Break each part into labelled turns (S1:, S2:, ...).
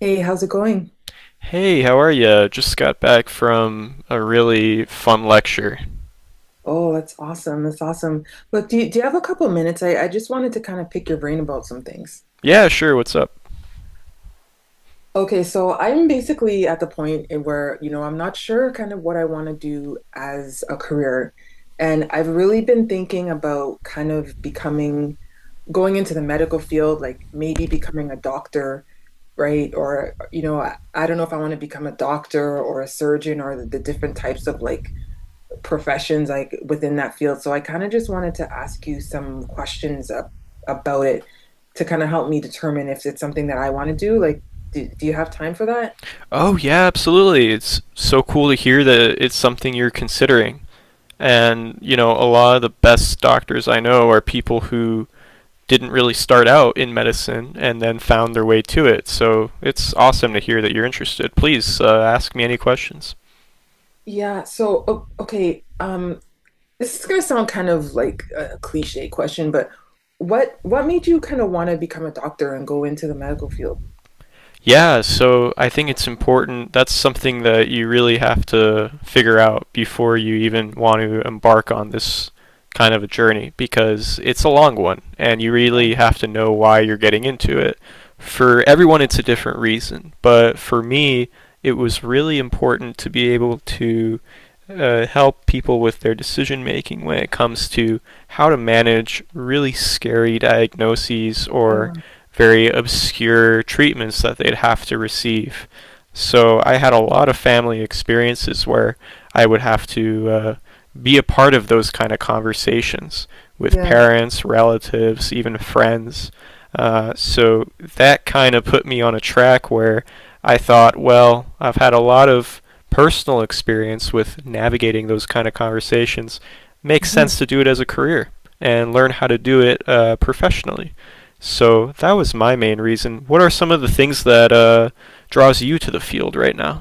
S1: Hey, how's it going?
S2: Hey, how are ya? Just got back from a really fun lecture.
S1: Oh, that's awesome. That's awesome. Look, do you have a couple minutes? I just wanted to kind of pick your brain about some things.
S2: Yeah, sure, what's up?
S1: Okay, so I'm basically at the point in where, you know, I'm not sure kind of what I want to do as a career. And I've really been thinking about kind of becoming, going into the medical field, like maybe becoming a doctor, right? Or, you know, I don't know if I want to become a doctor or a surgeon or the different types of like professions like within that field. So I kind of just wanted to ask you some questions up, about it to kind of help me determine if it's something that I want to do. Like, do you have time for that?
S2: Oh, yeah, absolutely. It's so cool to hear that it's something you're considering. And, you know, a lot of the best doctors I know are people who didn't really start out in medicine and then found their way to it. So it's awesome to hear that you're interested. Please, ask me any questions.
S1: Yeah, so okay, this is gonna sound kind of like a cliche question, but what made you kind of want to become a doctor and go into the medical field?
S2: Yeah, so I think it's important. That's something that you really have to figure out before you even want to embark on this kind of a journey because it's a long one and you
S1: Yeah,
S2: really have to know why you're getting into it. For everyone, it's a different reason, but for me, it was really important to be able to help people with their decision making when it comes to how to manage really scary diagnoses or
S1: yeah,
S2: very obscure treatments that they'd have to receive. So I had a lot of family experiences where I would have to be a part of those kind of conversations with
S1: yeah.
S2: parents, relatives, even friends. So that kind of put me on a track where I thought, well, I've had a lot of personal experience with navigating those kind of conversations. Makes sense to do it as a career and learn how to do it professionally. So that was my main reason. What are some of the things that draws you to the field right now?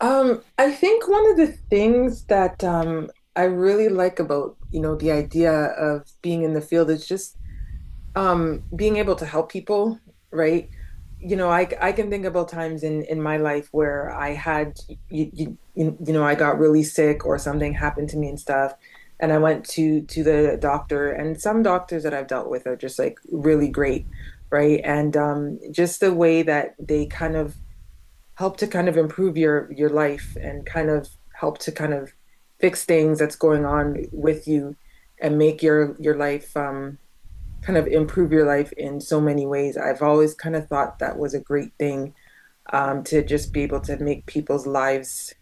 S1: I think one of the things that I really like about, you know, the idea of being in the field is just being able to help people, right? You know, I can think about times in my life where I had, I got really sick or something happened to me and stuff, and I went to the doctor, and some doctors that I've dealt with are just like really great, right? And just the way that they kind of help to kind of improve your life and kind of help to kind of fix things that's going on with you and make your life kind of improve your life in so many ways. I've always kind of thought that was a great thing to just be able to make people's lives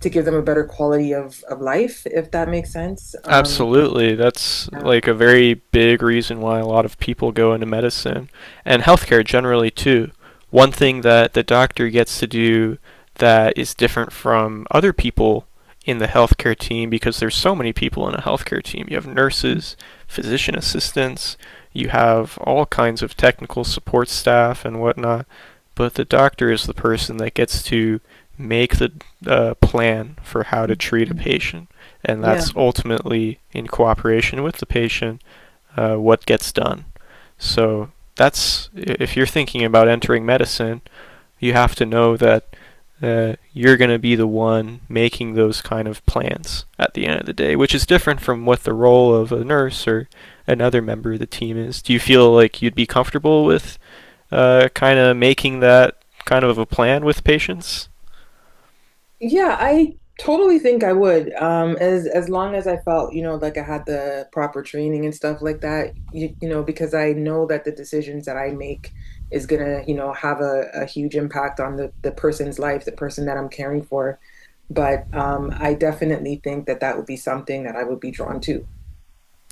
S1: to give them a better quality of life, if that makes sense.
S2: Absolutely. That's
S1: Yeah.
S2: like a very big reason why a lot of people go into medicine and healthcare generally too. One thing that the doctor gets to do that is different from other people in the healthcare team because there's so many people in a healthcare team. You have nurses, physician assistants, you have all kinds of technical support staff and whatnot, but the doctor is the person that gets to make the plan for how to treat a patient and
S1: Yeah.
S2: that's ultimately in cooperation with the patient what gets done. So that's if you're thinking about entering medicine, you have to know that you're going to be the one making those kind of plans at the end of the day, which is different from what the role of a nurse or another member of the team is. Do you feel like you'd be comfortable with kind of making that kind of a plan with patients?
S1: Yeah, I totally think I would. As long as I felt, you know, like I had the proper training and stuff like that, you know, because I know that the decisions that I make is gonna, you know, have a huge impact on the person's life, the person that I'm caring for. But I definitely think that that would be something that I would be drawn to.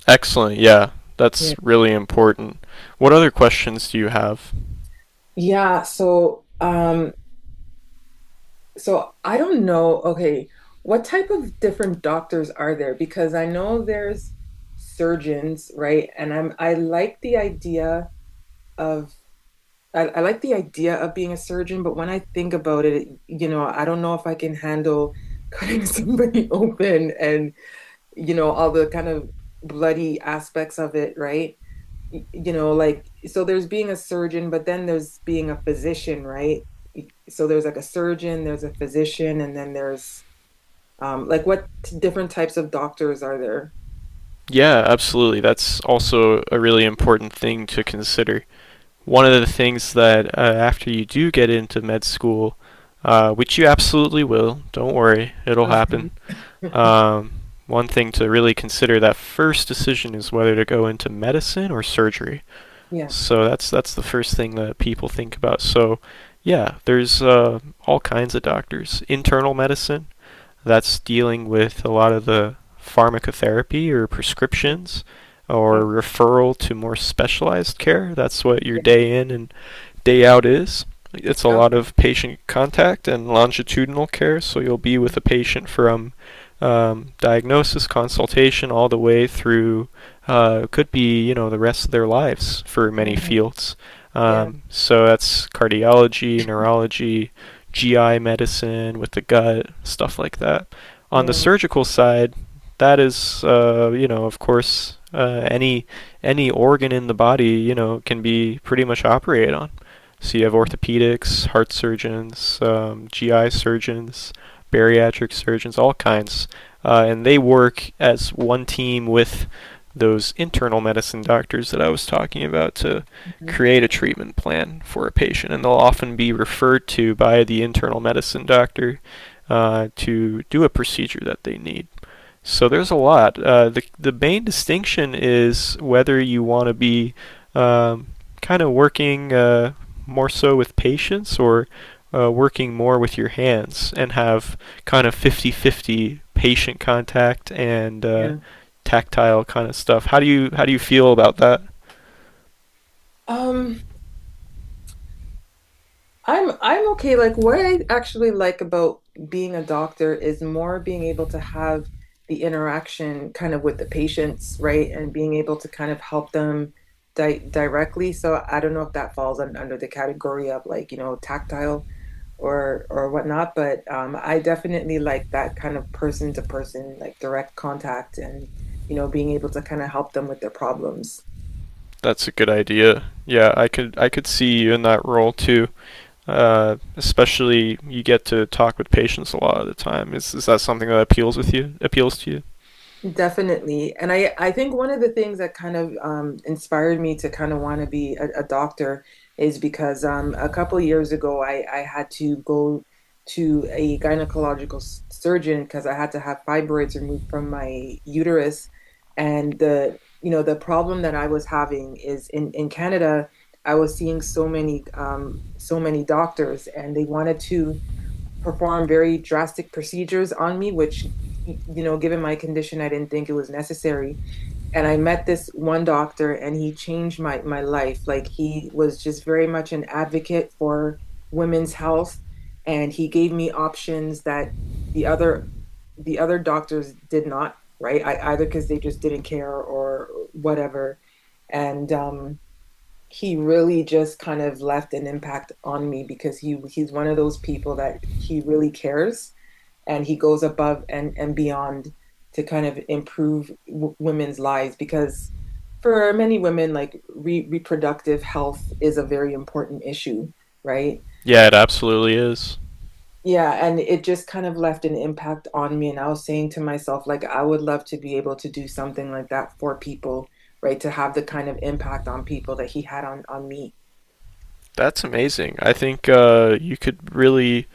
S2: Excellent. Yeah,
S1: Yeah.
S2: that's really important. What other questions do you have?
S1: Yeah, so So I don't know, okay, what type of different doctors are there? Because I know there's surgeons, right? And I like the idea of I like the idea of being a surgeon, but when I think about it, you know, I don't know if I can handle cutting somebody open and, you know, all the kind of bloody aspects of it, right? You know, like, so there's being a surgeon, but then there's being a physician, right? So there's like a surgeon, there's a physician, and then there's like what different types of doctors are there?
S2: Yeah, absolutely. That's also a really important thing to consider. One of the things that after you do get into med school, which you absolutely will, don't worry, it'll
S1: Mhm.
S2: happen. Um, one thing to really consider that first decision is whether to go into medicine or surgery.
S1: Yeah.
S2: So that's the first thing that people think about. So yeah, there's all kinds of doctors. Internal medicine, that's dealing with a lot of the pharmacotherapy or
S1: Mhm.
S2: prescriptions or
S1: Okay.
S2: referral to more specialized care. That's what your
S1: Yeah.
S2: day in and day out is. It's a lot of
S1: Okay.
S2: patient contact and longitudinal care, so you'll be with a patient from diagnosis, consultation, all the way through could be, you know, the rest of their lives for many
S1: Mhm.
S2: fields.
S1: Yeah.
S2: So that's cardiology, neurology, GI medicine with the gut, stuff like that. On the
S1: Yeah.
S2: surgical side, that is you know, of course, any organ in the body, you know, can be pretty much operated on. So you have orthopedics, heart surgeons, GI surgeons, bariatric surgeons, all kinds, and they work as one team with those internal medicine doctors that I was talking about to
S1: Mhm.
S2: create a treatment plan for a patient, and they'll often be referred to by the internal medicine doctor to do a procedure that they need. So there's a lot. The main distinction is whether you want to be um, kind of working more so with patience or working more with your hands and have kind of 50 50 patient contact and
S1: Yeah.
S2: tactile kind of stuff. How do you feel about that?
S1: um I'm okay. Like what I actually like about being a doctor is more being able to have the interaction kind of with the patients, right? And being able to kind of help them di directly. So I don't know if that falls un under the category of like, you know, tactile or whatnot, but I definitely like that kind of person to person, like direct contact and, you know, being able to kind of help them with their problems.
S2: That's a good idea. Yeah, I could see you in that role too. Especially you get to talk with patients a lot of the time. Is that something that appeals with you? Appeals to you?
S1: Definitely. And I think one of the things that kind of inspired me to kind of want to be a doctor is because a couple of years ago, I had to go to a gynecological surgeon because I had to have fibroids removed from my uterus. And the, you know, the problem that I was having is in Canada, I was seeing so many, so many doctors and they wanted to perform very drastic procedures on me, which, you know, given my condition, I didn't think it was necessary. And I met this one doctor and he changed my life. Like, he was just very much an advocate for women's health. And he gave me options that the other the other doctors did not, right? I, either because they just didn't care or whatever. And he really just kind of left an impact on me because he's one of those people that he really cares and he goes above and beyond to kind of improve women's lives because for many women, like, reproductive health is a very important issue, right?
S2: Yeah, it absolutely is.
S1: Yeah, and it just kind of left an impact on me, and I was saying to myself, like, I would love to be able to do something like that for people, right? To have the kind of impact on people that he had on me.
S2: That's amazing. I think you could really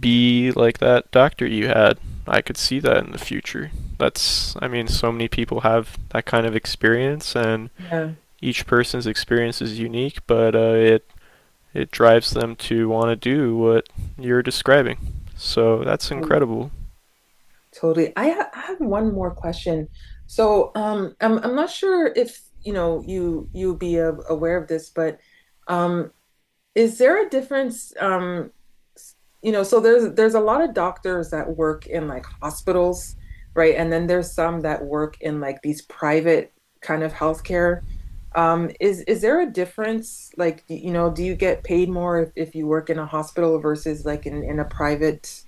S2: be like that doctor you had. I could see that in the future. That's, I mean, so many people have that kind of experience, and
S1: Yeah.
S2: each person's experience is unique, but it drives them to want to do what you're describing. So that's incredible.
S1: Totally. I have one more question. So, I'm not sure if you know you aware of this, but um, is there a difference? S- you know, so there's a lot of doctors that work in like hospitals, right? And then there's some that work in like these private kind of healthcare. Is there a difference? Like, you know, do you get paid more if you work in a hospital versus like in a private?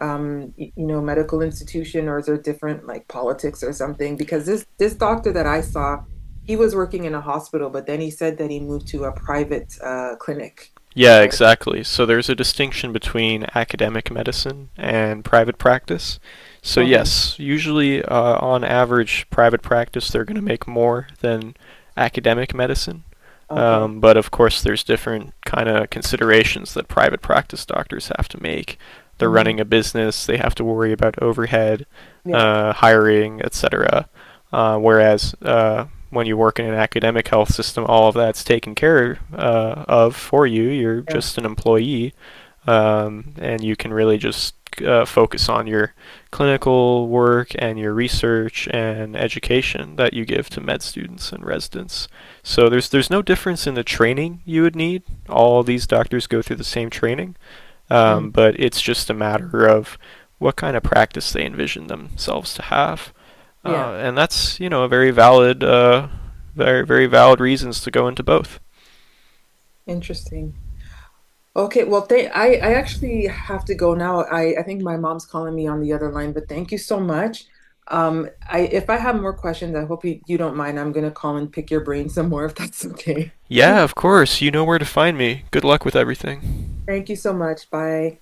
S1: You know, medical institution or is there different like politics or something? Because this doctor that I saw, he was working in a hospital, but then he said that he moved to a private clinic,
S2: Yeah,
S1: right?
S2: exactly. So there's a distinction between academic medicine and private practice. So,
S1: Okay,
S2: yes, usually on average, private practice they're going to make more than academic medicine.
S1: okay.
S2: But of course, there's different kind of considerations that private practice doctors have to make. They're
S1: Hmm.
S2: running a business, they have to worry about overhead,
S1: Yeah,
S2: hiring, etc. Whereas when you work in an academic health system, all of that's taken care of for you. You're
S1: yeah,
S2: just an employee, and you can really just focus on your clinical work and your research and education that you give to med students and residents. So there's no difference in the training you would need. All these doctors go through the same training.
S1: mm,
S2: But it's just a matter of what kind of practice they envision themselves to have.
S1: yeah.
S2: And that's, you know, a very valid, very, very valid reasons to go into both.
S1: Interesting. Okay, well, th I actually have to go now. I think my mom's calling me on the other line, but thank you so much. I if I have more questions, I hope you, you don't mind. I'm gonna call and pick your brain some more if that's okay.
S2: Yeah, of course. You know where to find me. Good luck with everything.
S1: Thank you so much. Bye.